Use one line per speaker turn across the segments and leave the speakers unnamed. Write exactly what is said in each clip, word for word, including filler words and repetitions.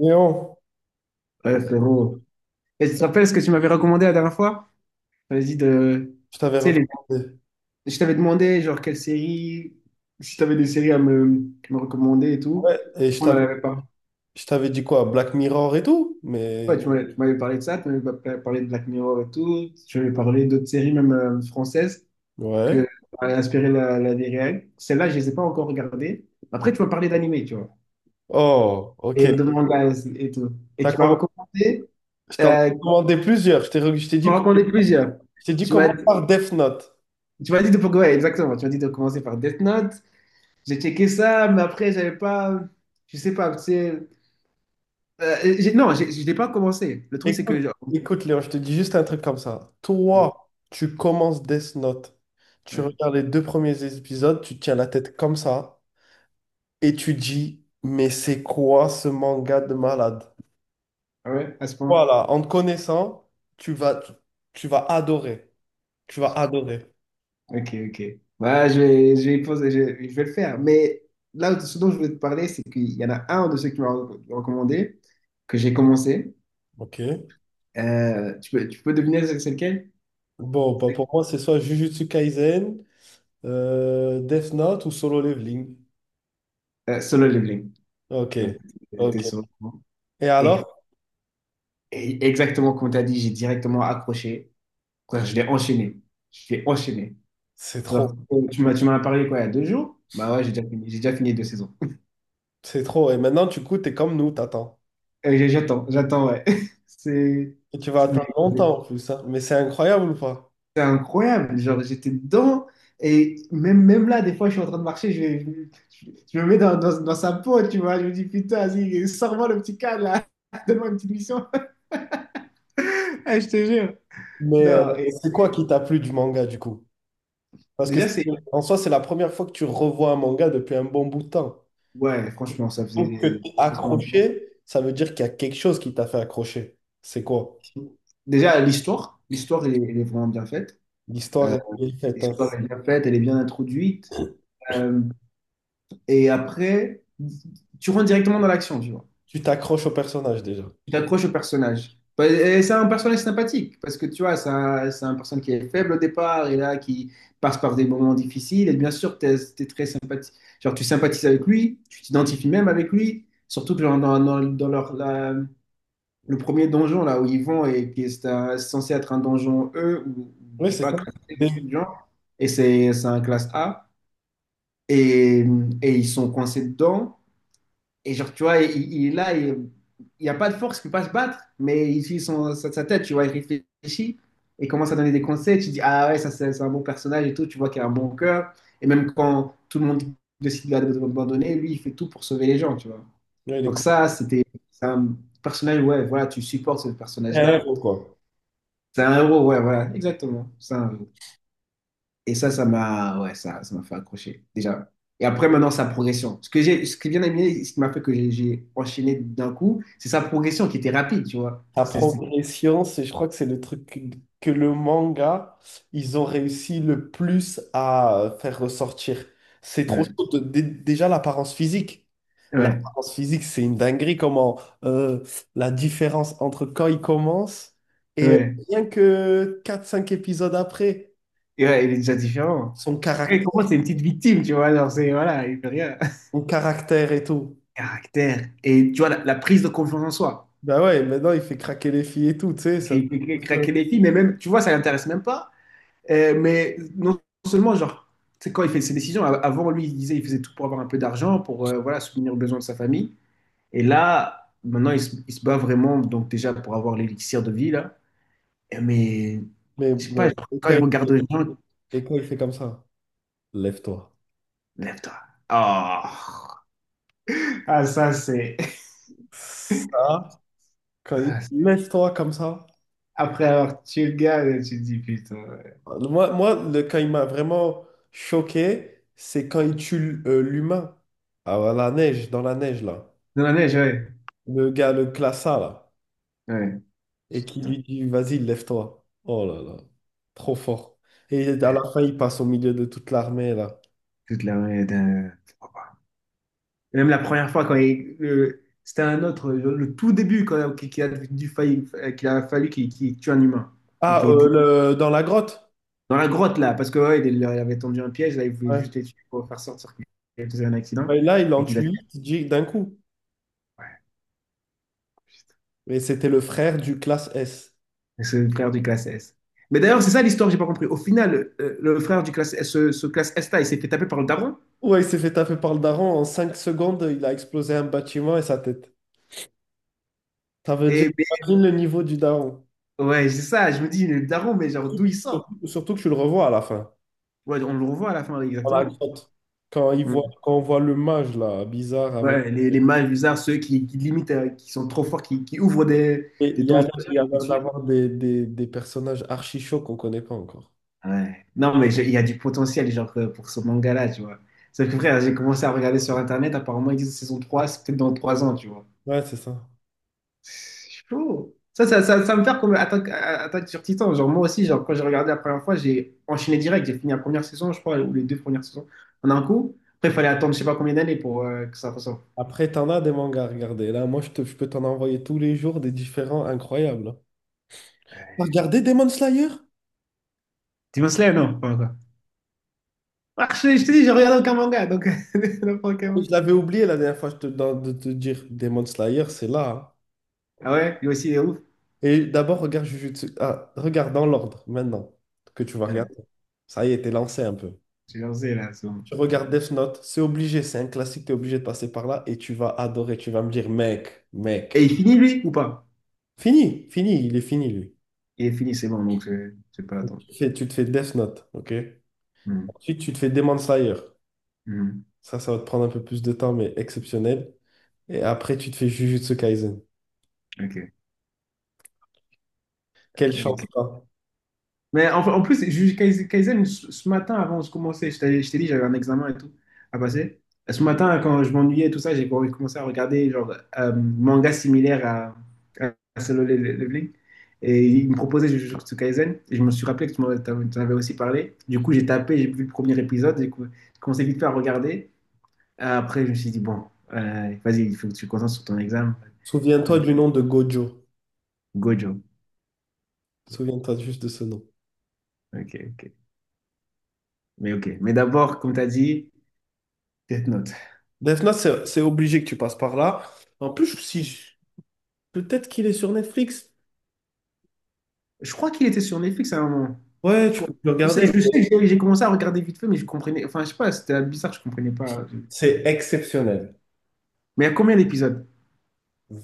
Léon,
Ouais, frérot. Et tu te rappelles ce que tu m'avais recommandé la dernière fois? Tu m'avais dit de.
je t'avais
Tu sais, les-
recommandé.
je t'avais demandé, genre, quelle série, si t'avais des séries à me, à me recommander et tout.
Ouais, et je
On n'en
t'avais,
avait pas.
je t'avais dit quoi? Black Mirror et tout?
Ouais,
Mais.
tu m'avais tu m'avais parlé de ça, tu m'avais pa- parlé de Black Mirror et tout. Tu m'avais parlé d'autres séries, même euh, françaises,
Ouais.
que avaient inspiré la, la vie réelle. Celles-là, je ne les ai pas encore regardées. Après, tu m'as parlé d'animé, tu vois,
Oh, ok.
et de manga et tout. Et
T'as
tu m'as
comm-
recommandé,
Je t'en ai
euh, Tu
commandé plusieurs. Je t'ai re- je t'ai dit,
m'as
co-
recommandé plusieurs.
Je t'ai dit
Tu m'as
comment
dit
par Death Note.
Tu m'as dit de, ouais, exactement. Tu m'as dit de commencer par Death Note. J'ai checké ça, mais après, j'avais pas. Je sais pas. C'est, euh, j'ai- non, j'ai- je n'ai pas commencé. Le truc, c'est
Écoute,
que, genre,
écoute, Léon, je te dis juste un truc comme ça.
ouais,
Toi, tu commences Death Note. Tu
ouais.
regardes les deux premiers épisodes, tu tiens la tête comme ça et tu dis, mais c'est quoi ce manga de malade?
Ah ouais, à ce point.
Voilà, en te connaissant, tu vas, tu vas adorer. Tu vas adorer.
Ok, ok. Bah, je vais, je vais y poser, je, je vais le faire. Mais là, ce dont je voulais te parler, c'est qu'il y en a un de ceux que tu m'as recommandé, que j'ai commencé.
Ok.
Euh, tu peux, tu peux deviner c'est c'est lequel?
Bon, bah pour moi, c'est soit Jujutsu Kaisen, euh, Death Note ou Solo Leveling.
Euh, Solo Leveling.
Ok.
Donc, t'es
Ok.
sur le coup.
Et
Et,
alors?
et exactement comme tu as dit, j'ai directement accroché. Quoi, je l'ai enchaîné. Je l'ai enchaîné.
C'est
Genre,
trop.
euh, tu m'as, tu m'en as parlé quoi, il y a deux jours? Bah ouais, j'ai déjà fini. J'ai déjà fini deux saisons.
C'est trop. Et maintenant, du coup, t'es comme nous, t'attends.
Euh, j'ai- j'attends, j'attends, ouais. C'est
Et tu vas
c'est- mais-
attendre
mais
longtemps en plus, hein. Mais c'est incroyable ou pas?
c'est incroyable. Genre, j'étais dedans. Et même, même là, des fois, je suis en train de marcher, je, vais- je, je me mets dans, dans, dans sa peau, tu vois. Je me dis, putain, vas-y, sors-moi le petit cadre, là. Donne-moi une petite mission. Ah, je te jure.
Mais euh,
Non, et
c'est quoi qui t'a plu du manga, du coup? Parce que
déjà,
c'est-
c'est.
En soi, c'est la première fois que tu revois un manga depuis un bon bout de temps.
Ouais, franchement, ça
Donc, que
faisait,
t'es
c'est trop longtemps.
accroché, ça veut dire qu'il y a quelque chose qui t'a fait accrocher. C'est quoi?
Déjà, l'histoire, l'histoire, elle, est elle est vraiment bien faite.
L'histoire
Euh,
est bien faite, hein.
L'histoire est bien faite, elle est bien introduite. Euh, et après, tu rentres directement dans l'action, tu vois.
Tu t'accroches au personnage déjà.
Tu t'accroches au personnage. Bah, et c'est un personnage sympathique, parce que tu vois, c'est un, c'est un personnage qui est faible au départ, et là, qui passe par des moments difficiles. Et bien sûr, t'es es, très sympathique. Genre, tu sympathises avec lui, tu t'identifies même avec lui. Surtout que genre, dans, dans- dans leur, la- le premier donjon, là, où ils vont, et qui est euh, censé être un donjon E, ou
Oui,
je sais
c'est
pas,
ça.
classé, un truc
Dès-
du genre. Et c'est c'est un classe A, et, et ils sont coincés dedans. Et genre, tu vois, il, il est là, et il n'y a pas de force qui peut pas se battre, mais il suit son, sa, sa tête, tu vois, il réfléchit et commence à donner des conseils. Tu dis, ah ouais, ça c'est c'est un bon personnage et tout, tu vois qu'il a un bon cœur. Et même quand tout le monde décide de l'abandonner, lui, il fait tout pour sauver les gens, tu vois.
ouais, les
Donc
combats,
ça, c'était c'est un personnage, ouais, voilà, tu supportes ce
c'est un
personnage-là.
héros, quoi.
C'est un héros, ouais, voilà, exactement. C'est un héros. Et ça, ça m'a ouais, ça, ça m'a fait accrocher, déjà. Et après, maintenant, sa progression. Ce que j'ai, ce qui est bien aimé, ce qui m'a fait que j'ai j'ai enchaîné d'un coup, c'est sa progression qui était rapide, tu vois.
La
C'est, c'est-
progression, c'est, je crois que c'est le truc que que le manga, ils ont réussi le plus à faire ressortir. C'est trop
Ouais,
chaud. De- dé- déjà, l'apparence physique.
ouais,
L'apparence physique, c'est une dinguerie. Comment euh, la différence entre quand il commence et
ouais.
rien que quatre cinq épisodes après,
Et ouais, il est déjà différent.
son
Parce que,
caractère,
comment c'est une petite victime, tu vois. Genre, c'est, voilà, il fait rien.
son caractère et tout.
Caractère. Et tu vois, la, la prise de confiance en soi.
Ben ouais, maintenant, il fait craquer les filles et tout, tu sais. ça-
Et il fait craquer les filles, mais même, tu vois, ça l'intéresse même pas. Euh, mais non seulement, genre, c'est quand il fait ses décisions, av- avant, lui, il disait, il faisait tout pour avoir un peu d'argent, pour, euh, voilà, subvenir aux besoins de sa famille. Et là, maintenant, il se, il se bat vraiment, donc déjà pour avoir l'élixir de vie, là. Et mais,
Mais
je sais pas,
bon,
genre,
et
quand
quand
il
il,
regarde les gens,
et quand il fait comme ça, lève-toi.
lève-toi. Oh. Ah, ça, c'est.
Ça, quand il
ça, c'est.
lève-toi comme ça.
Après avoir tué le gars, là, tu te dis putain. Ouais.
Moi, moi le, quand il m'a vraiment choqué, c'est quand il tue euh, l'humain. Ah, à la neige, dans la neige, là.
Dans la neige, ouais.
Le gars, le classa, là.
Ouais,
Et qui
putain.
lui dit, vas-y, lève-toi. Oh là là, trop fort. Et à
Ouais,
la fin, il passe au milieu de toute l'armée, là.
Toute la ouais, d'un- oh, bah. Et même la première fois, quand il. le- c'était un autre, le, le tout début, quand, qu'il a, dû failli- qu'il a fallu qu'il qu'il tue un humain. Et
Ah, euh,
qui.
le- dans la grotte.
Dans la grotte, là, parce que ouais, il, il leur avait tendu un piège, là, il voulait
Ouais.
juste les tuer pour faire sortir qu'il faisait un accident
Ben là, il en
et qu'ils a tué.
tue huit d'un coup.
Ouais, putain.
Et c'était le frère du classe S.
Et c'est le frère du classe S. Mais d'ailleurs, c'est ça l'histoire, j'ai pas compris. Au final, euh, le frère du classe S, ce, ce classe S là, il s'est fait taper par le daron.
Ouais, il s'est fait taper par le daron. En cinq secondes, il a explosé un bâtiment et sa tête. Ça veut dire,
Et mais,
imagine le niveau du daron.
ouais, c'est ça, je me dis, le daron, mais genre d'où il
Surtout,
sort?
surtout que tu le revois à la fin,
Ouais, on le revoit à la fin,
dans la
exactement.
grotte. Quand, il voit,
Mm.
quand on voit le mage, là, bizarre, avec...
Ouais, les, les mages bizarres, ceux qui, qui limitent, euh, qui sont trop forts, qui, qui ouvrent des,
Et il
des
y a,
donjons.
l'air- il y a l'air d'avoir des, des, des personnages archi chauds qu'on connaît pas encore.
Ouais. Non, mais je- il y a du potentiel genre, euh, pour ce manga-là, tu vois. Sauf que frère, j'ai commencé à regarder sur Internet, apparemment, ils disent saison trois c'est peut-être dans trois ans, tu vois.
Ouais, c'est ça.
C'est chaud. Ça, ça, ça, ça me fait comme Attaque, à- Attaque sur Titan. Genre, moi aussi, genre, quand j'ai regardé la première fois, j'ai enchaîné direct. J'ai fini la première saison, je crois, ou les deux premières saisons en un coup. Après, il fallait attendre je sais pas combien d'années pour euh, que ça ressorte.
Après, t'en as des mangas à regarder. Là, moi, je, te- je peux t'en envoyer tous les jours des différents incroyables, hein. T'as regardé Demon Slayer?
Demon Slayer, non? Pas encore. Ah, je, je te dis, je regarde aucun manga, donc n'importe quel
Je
manga.
l'avais oublié la dernière fois je te, dans- de te dire. Demon Slayer, c'est là, hein.
Ah ouais? Lui aussi, il est ouf.
Et d'abord, regarde Jujutsu. Ah, regarde dans l'ordre maintenant que tu vas
Ouais,
regarder. Ça y est, t'es lancé un peu.
j'ai lancé là, c'est bon.
Tu regardes Death Note, c'est obligé, c'est un classique, t'es obligé de passer par là et tu vas adorer. Tu vas me dire, mec,
Et
mec.
il finit, lui, ou pas?
Fini, fini, il est fini lui.
Il est fini, c'est bon, donc je n'ai pas
Donc,
l'attendre.
tu te fais, tu te fais Death Note, ok?
Mhm.
Ensuite, tu te fais Demon Slayer.
Mhm.
Ça, ça va te prendre un peu plus de temps, mais exceptionnel. Et après, tu te fais Jujutsu Kaisen.
Ok.
Quelle
Ok.
chance, toi.
Mais en, en plus, ju- Kaizen, Kaizen, ce ce matin, avant de commencer, je t'ai je t'ai dit, j'avais un examen et tout à passer. Ce matin, quand je m'ennuyais et tout ça, j'ai commencé à regarder genre euh, manga similaire à, à, à Solo Le- Le- Leveling. Et il me proposait Jujutsu Kaisen. Et je me suis rappelé que tu m'en t'en- t'en avais aussi parlé. Du coup, j'ai tapé, j'ai vu le premier épisode. J'ai cou- j'ai commencé vite fait à regarder. Après, je me suis dit, bon, euh, vas-y, il faut que tu te concentres sur ton examen. J'ai
Souviens-toi
dit,
du nom de Gojo.
Gojo.
Souviens-toi juste de ce nom.
Ok, ok. Mais ok. Mais d'abord, comme tu as dit, Death Note.
Defna, c'est c'est obligé que tu passes par là. En plus, si je- peut-être qu'il est sur Netflix.
Je crois qu'il était sur Netflix à un moment.
Ouais,
Je
tu
crois-
peux le
je
regarder.
sais, je sais,
Mais
que j'ai j'ai commencé à regarder vite fait, mais je comprenais. Enfin, je sais pas, c'était bizarre, je comprenais pas.
c'est exceptionnel.
Mais il y a combien d'épisodes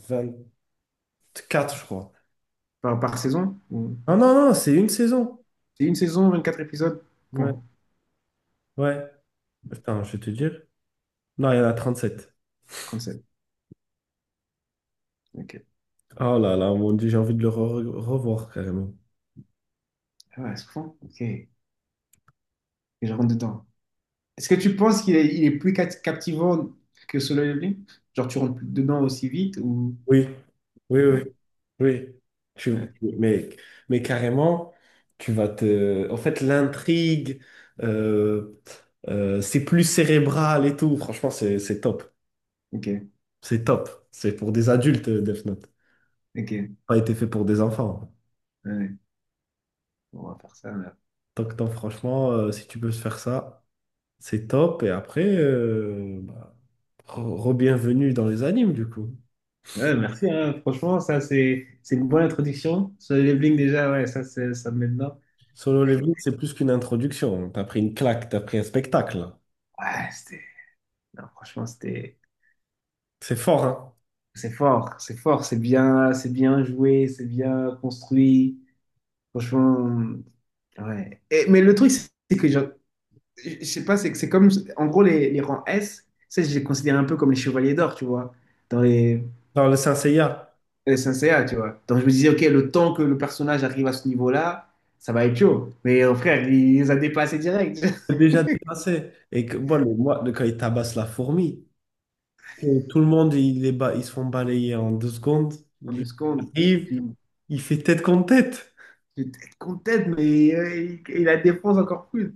vingt-quatre, je crois.
par, par saison? Ou.
Non, non, non, c'est une saison.
C'est une saison, vingt-quatre épisodes?
Ouais,
Point.
ouais. Attends, je vais te dire. Non, il y en a trente-sept.
Sept. Ok.
Oh là là, mon Dieu, j'ai envie de le re- revoir carrément.
Ah ouais, c'est bon. Ok. Et je rentre dedans. Est-ce que tu penses qu'il est, il est plus cat- captivant que Solo Leveling? Genre, tu rentres plus dedans aussi vite ou.
Oui, oui, oui,
Ouais,
oui. Tu-
ouais.
tu- mais, mais carrément, tu vas te... En fait, l'intrigue, euh, euh, c'est plus cérébral et tout. Franchement, c'est c'est top.
Ok,
C'est top. C'est pour des adultes, euh, Death Note.
ok. Ouais.
Pas été fait pour des enfants.
Ouais. Bon, on va faire ça.
Donc, non, franchement, euh, si tu peux se faire ça, c'est top. Et après, euh, bah, re- re-bienvenue dans les animes, du coup.
Ouais, merci, hein. Franchement, ça, c'est c'est une bonne introduction. Sur les Bling, déjà, ouais, ça, c'est- ça me met dedans.
Solo
Ok.
Leveling, c'est plus qu'une introduction. T'as pris une claque, t'as pris un spectacle.
Ouais, c'était. Non, franchement, c'était.
C'est fort, hein?
C'est fort, c'est fort, c'est bien, c'est bien joué, c'est bien construit. Franchement, ouais. Et- mais le truc, c'est que, genre, je je sais pas, c'est que c'est comme. En gros, les, les rangs S, ça, je les considère un peu comme les chevaliers d'or, tu vois, dans les,
Dans le Saint Seiya.
les S N C A, tu vois. Donc, je me disais, OK, le temps que le personnage arrive à ce niveau-là, ça va être chaud. Mais euh, frère, il les a dépassés direct.
Déjà dépassé. Et que, moi, le, moi, le- quand il tabasse la fourmi, que tout le monde, il est ba- ils se font balayer en deux secondes.
De
Lui, il
secondes. Et
arrive,
tu
il fait tête contre tête.
tu te contentes, mais euh, il, il la défense encore plus.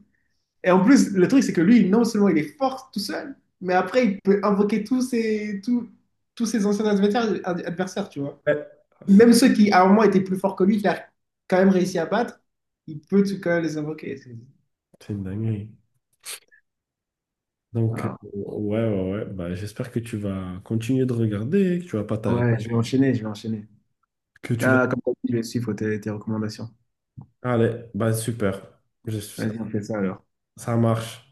Et en plus, le truc, c'est que lui, non seulement il est fort tout seul, mais après, il peut invoquer tous ses, tous, tous ses anciens adversaires, ad- adversaires, tu vois.
Ouais. C'est
Même
ça.
ceux qui, à un moment, étaient plus forts que lui, qu'il a quand même réussi à battre, il peut tout quand même les invoquer. C'est.
C'est une dinguerie. Donc, euh,
Ah,
ouais, ouais, ouais. Bah, j'espère que tu vas continuer de regarder, que tu vas pas t'arrêter,
ouais, je vais enchaîner, je vais enchaîner.
que tu vas...
Là, comme tu as dit, je vais suivre tes, tes recommandations.
Allez, bah, super. Je-
Vas-y, on fait ça alors.
ça marche.